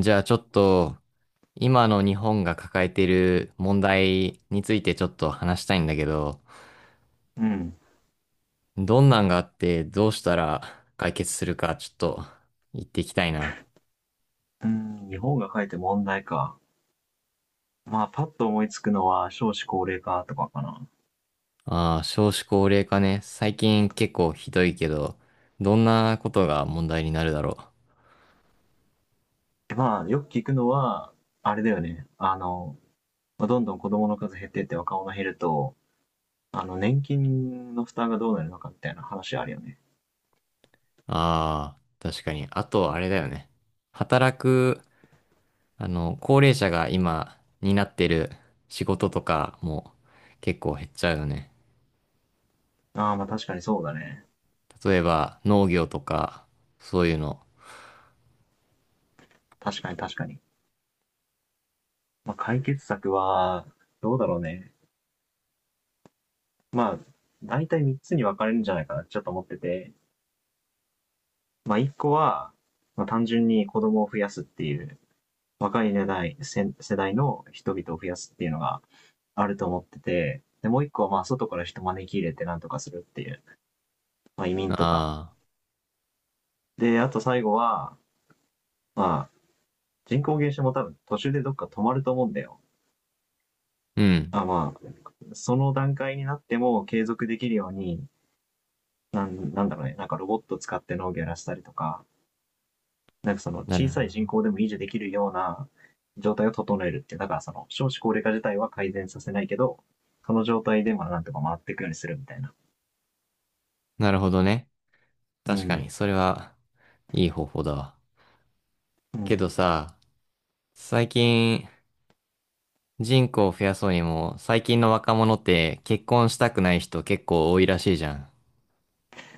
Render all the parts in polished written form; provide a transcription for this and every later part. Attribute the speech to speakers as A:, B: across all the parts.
A: じゃあちょっと、今の日本が抱えている問題についてちょっと話したいんだけど、
B: うん。
A: どんなんがあってどうしたら解決するかちょっと言っていきたいな。
B: うん、日本が書いて問題か。まあ、パッと思いつくのは少子高齢化とかかな。
A: ああ、少子高齢化ね。最近結構ひどいけど、どんなことが問題になるだろう。
B: でよく聞くのは、あれだよね。まあどんどん子供の数減ってって若者減ると、年金の負担がどうなるのかみたいな話あるよね。
A: ああ、確かに。あとあれだよね。働く、あの、高齢者が今担ってる仕事とかも結構減っちゃうよね。
B: ああ、まあ確かにそうだね。
A: 例えば農業とか、そういうの。
B: 確かに確かに。まあ解決策は、どうだろうね。まあ、大体3つに分かれるんじゃないかな、ちょっと思ってて。まあ1個は、まあ単純に子供を増やすっていう若い世代、世代の人々を増やすっていうのがあると思ってて、で、もう一個はまあ外から人招き入れてなんとかするっていう、まあ移民とか。
A: ああ、
B: で、あと最後は、まあ人口減少も多分途中でどっか止まると思うんだよ。
A: うん。
B: まあ、その段階になっても継続できるように、なんなんだろうね、なんかロボット使って農業やらせたりとか、なんかその
A: なる
B: 小さい
A: ほ
B: 人
A: ど。
B: 口でも維持できるような状態を整えるっていう、だからその少子高齢化自体は改善させないけど、その状態でまあなんとか回っていくようにするみたいな。
A: なるほどね。
B: う
A: 確か
B: ん。
A: に、それはいい方法だわ。
B: う
A: けど
B: ん。
A: さ、最近人口を増やそうにも、最近の若者って結婚したくない人結構多いらしいじゃん。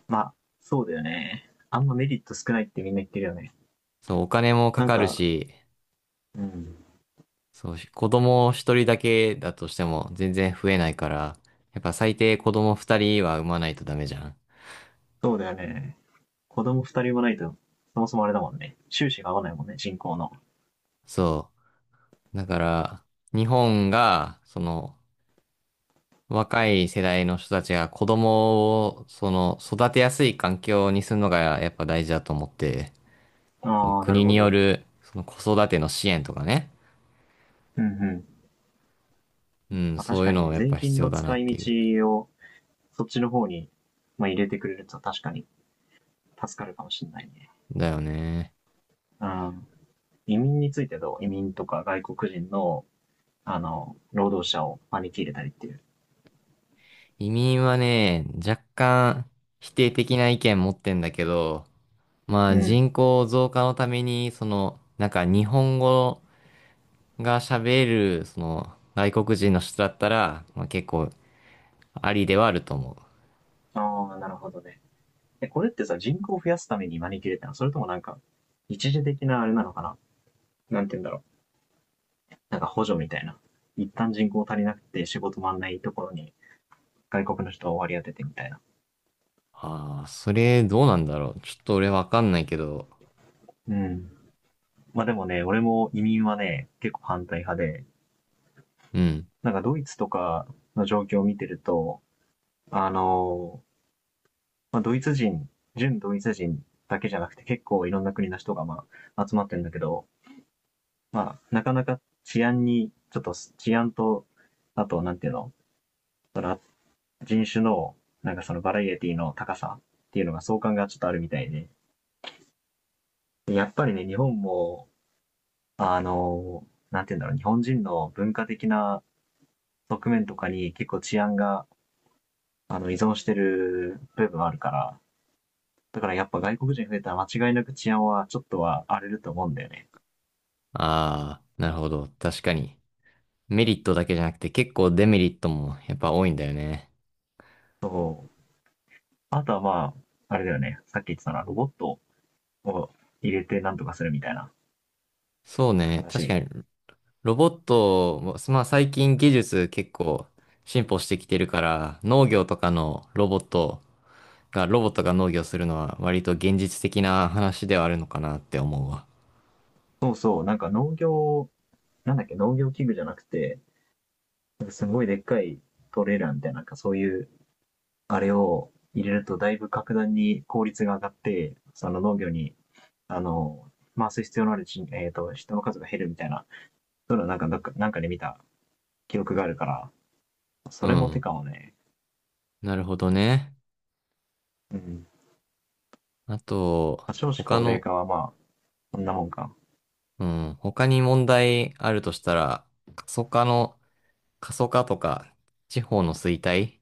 B: まあ、そうだよね。あんまメリット少ないってみんな言ってるよね。
A: そう、お金もか
B: なん
A: かる
B: か、
A: し、
B: うん。
A: そう、子供一人だけだとしても全然増えないから、やっぱ最低子供二人は産まないとダメじゃん。
B: そうだよね。子供二人もないと、そもそもあれだもんね。収支が合わないもんね、人口の。
A: そう。だから、日本が、その、若い世代の人たちが子供を、育てやすい環境にするのがやっぱ大事だと思って、その
B: ああ、なる
A: 国
B: ほ
A: によ
B: ど。
A: る、その子育ての支援とかね。
B: うんうん。
A: うん、
B: まあ
A: そ
B: 確
A: ういう
B: かに
A: のも
B: ね、
A: やっ
B: 税
A: ぱ
B: 金
A: 必要
B: の
A: だな
B: 使
A: っ
B: い
A: てい
B: 道
A: う。
B: をそっちの方に、まあ、入れてくれると確かに助かるかもしれないね。
A: だよね。
B: うん、移民についてどう移民とか外国人の、労働者を招き入れたりっていう。
A: 移民はね、若干否定的な意見持ってんだけど、ま
B: う
A: あ
B: ん。
A: 人口増加のために、なんか日本語が喋れる、外国人の人だったら、まあ結構ありではあると思う。
B: ああ、なるほどね。え、これってさ、人口を増やすために招き入れたのそれともなんか、一時的なあれなのかななんて言うんだろう。なんか補助みたいな。一旦人口足りなくて仕事回んないところに外国の人を割り当ててみたいな。
A: ああ、それどうなんだろう。ちょっと俺わかんないけど。
B: うん。まあでもね、俺も移民はね、結構反対派で、
A: うん。
B: なんかドイツとかの状況を見てると、あのまあ、ドイツ人、純ドイツ人だけじゃなくて結構いろんな国の人が集まってるんだけど、まあ、なかなか治安に、ちょっと治安と、あと、なんていうの、その人種の、なんかそのバラエティの高さっていうのが相関がちょっとあるみたいで、やっぱりね、日本も、あの、なんていうんだろう、日本人の文化的な側面とかに結構治安が、依存してる部分あるから、だからやっぱ外国人増えたら間違いなく治安はちょっとは荒れると思うんだよね。
A: ああ、なるほど。確かに。メリットだけじゃなくて結構デメリットもやっぱ多いんだよね。
B: そう。あとはまあ、あれだよね。さっき言ってたな、ロボットを入れてなんとかするみたいな
A: そうね。確
B: 話。
A: かに、ロボットも、まあ最近技術結構進歩してきてるから、農業とかのロボットが、ロボットが農業するのは割と現実的な話ではあるのかなって思うわ。
B: そうそう。なんか農業、なんだっけ、農業器具じゃなくて、なんかすごいでっかいトレーラーみたいな、なんかそういう、あれを入れるとだいぶ格段に効率が上がって、その農業に、あの、回す必要のある人、人の数が減るみたいな、そういうのなんか、なんかで見た記憶があるから、そ
A: う
B: れも手
A: ん。
B: かもね。
A: なるほどね。
B: うん。
A: あと、
B: 少子
A: 他
B: 高齢
A: の、
B: 化はまあ、こんなもんか。
A: うん。他に問題あるとしたら、過疎化の、過疎化とか、地方の衰退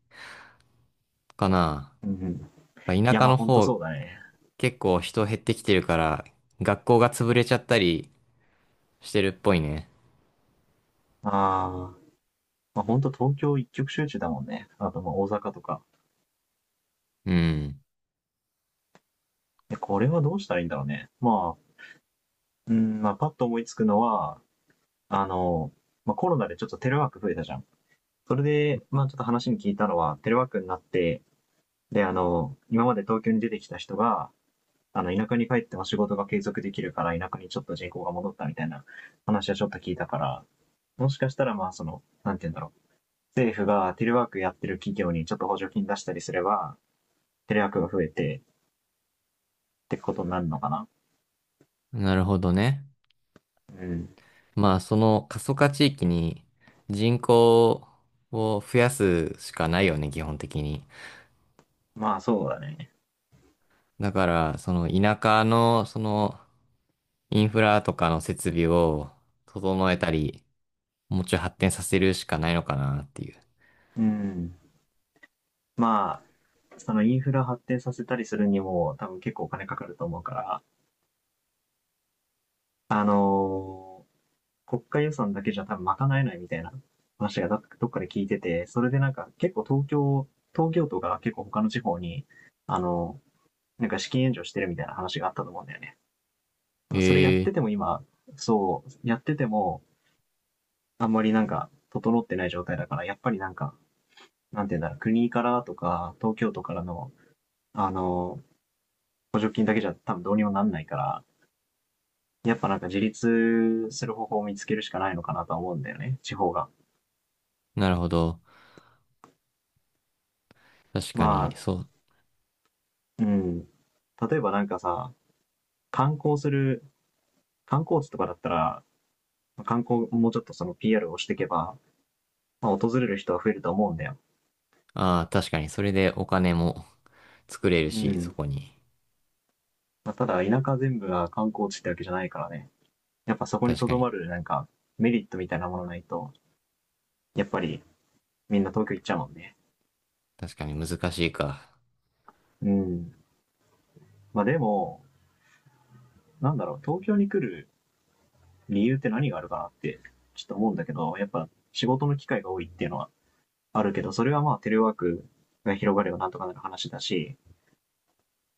A: かな。
B: うんうん。
A: まあ
B: い
A: 田
B: や、
A: 舎
B: まあ
A: の
B: ほんと
A: 方、
B: そうだね。
A: 結構人減ってきてるから、学校が潰れちゃったりしてるっぽいね。
B: ああ。まあほんと東京一極集中だもんね。あとまあ大阪とか。
A: うん。
B: でこれはどうしたらいいんだろうね。まあ、うん、まあパッと思いつくのは、あの、まあコロナでちょっとテレワーク増えたじゃん。それで、まあちょっと話に聞いたのは、テレワークになって、で、今まで東京に出てきた人が、田舎に帰っても仕事が継続できるから、田舎にちょっと人口が戻ったみたいな話はちょっと聞いたから、もしかしたらまあその、なんて言うんだろう。政府がテレワークやってる企業にちょっと補助金出したりすれば、テレワークが増えてってことになるのかな。
A: なるほどね。
B: うん。
A: まあ、その過疎化地域に人口を増やすしかないよね、基本的に。
B: まあそうだね。
A: だから、その田舎の、インフラとかの設備を整えたり、もうちょい発展させるしかないのかなっていう。
B: うん。まあ、そのインフラ発展させたりするにも多分結構お金かかると思うから、あのー国家予算だけじゃ多分賄えないみたいな話がどっかで聞いてて、それでなんか結構東京、東京都が結構他の地方に、あのなんか資金援助してるみたいな話があったと思うんだよね。それやっ
A: へえ、
B: てても今、そう、やっててもあんまりなんか整ってない状態だから、やっぱりなんかなんていうんだろう、国からとか、東京都からの、あの、補助金だけじゃ多分どうにもなんないから、やっぱなんか自立する方法を見つけるしかないのかなとは思うんだよね、地方が。
A: なるほど。確か
B: ま
A: に、
B: あ、
A: そう。
B: うん。例えばなんかさ、観光する、観光地とかだったら、観光もうちょっとその PR をしていけば、まあ、訪れる人は増えると思うんだよ。
A: ああ、確かに、それでお金も 作れる
B: う
A: し、そ
B: ん。
A: こに。
B: まあ、ただ、田舎全部が観光地ってわけじゃないからね。やっぱそこに
A: 確
B: と
A: か
B: どま
A: に。
B: るなんかメリットみたいなものないと、やっぱりみんな東京行っちゃうもんね。
A: 確かに難しいか。
B: うん。まあでも、なんだろう、東京に来る理由って何があるかなって、ちょっと思うんだけど、やっぱ仕事の機会が多いっていうのはあるけど、それはまあテレワークが広がればなんとかなる話だし、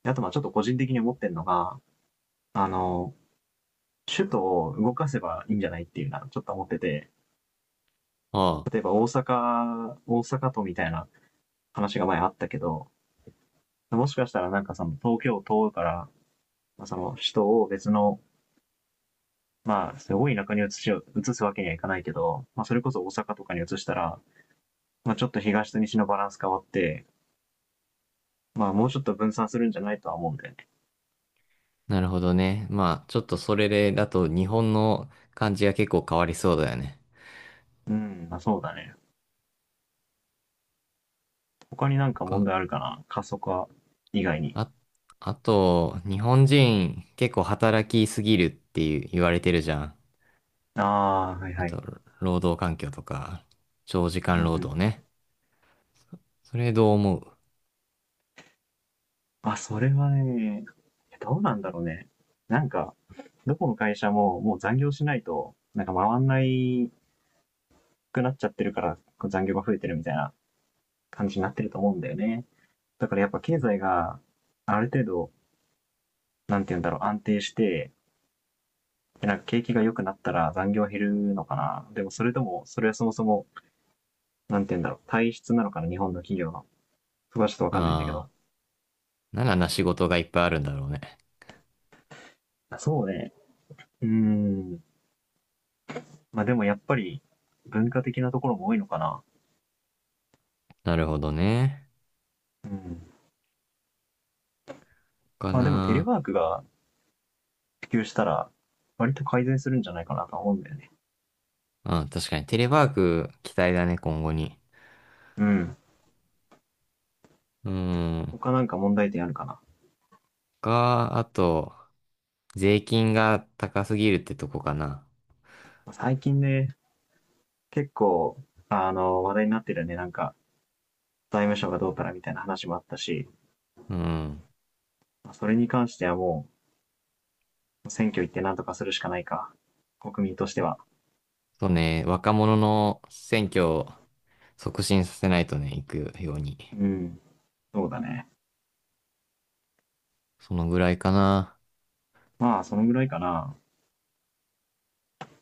B: あとまあちょっと個人的に思ってるのが、あの、首都を動かせばいいんじゃないっていうのはちょっと思ってて、
A: ああ、
B: 例えば大阪、大阪都みたいな話が前あったけど、もしかしたらなんかその東京都から、その首都を別のまあ、すごい田舎に移しよう移すわけにはいかないけど、まあ、それこそ大阪とかに移したら、まあ、ちょっと東と西のバランス変わって、まあ、もうちょっと分散するんじゃないとは思うんだよね。
A: なるほどね。まあ、ちょっとそれで、だと日本の感じが結構変わりそうだよね。
B: うん、まあ、そうだね。他になんか問
A: か、
B: 題あるかな過疎化以外に。
A: あ、あと、日本人結構働きすぎるっていう言われてるじゃん。
B: ああ、はい
A: あ
B: はい。
A: と、労働環境とか、長時
B: うん
A: 間
B: う
A: 労働
B: ん。
A: ね。それどう思う？
B: あ、それはね、どうなんだろうね。なんか、どこの会社ももう残業しないと、なんか回んないくなっちゃってるから、こう残業が増えてるみたいな感じになってると思うんだよね。だからやっぱ経済がある程度、なんて言うんだろう、安定して、なんか景気が良くなったら残業減るのかな。でもそれとも、それはそもそも、なんて言うんだろう、体質なのかな、日本の企業の。そこはちょっとわかんないんだけ
A: あ
B: ど。
A: あ、ならな仕事がいっぱいあるんだろうね。
B: そうね。うーん。まあでもやっぱり、文化的なところも多いのかな。
A: なるほどね。
B: うん。
A: か
B: まあでもテレ
A: な。
B: ワークが普及したら、割と改善するんじゃないかなと思うんだよね。
A: うん、確かにテレワーク期待だね、今後に。
B: うん。
A: うーん。
B: 他なんか問題点あるかな。
A: あと、税金が高すぎるってとこかな。
B: 最近ね、結構、話題になってるよね。なんか、財務省がどうからみたいな話もあったし、
A: うん。
B: それに関してはもう、選挙行ってなんとかするしかないか。国民としては。
A: そうね、若者の選挙を促進させないとね、行くように。
B: うん。そうだね。
A: そのぐらいかな。
B: まあ、そのぐらいかな。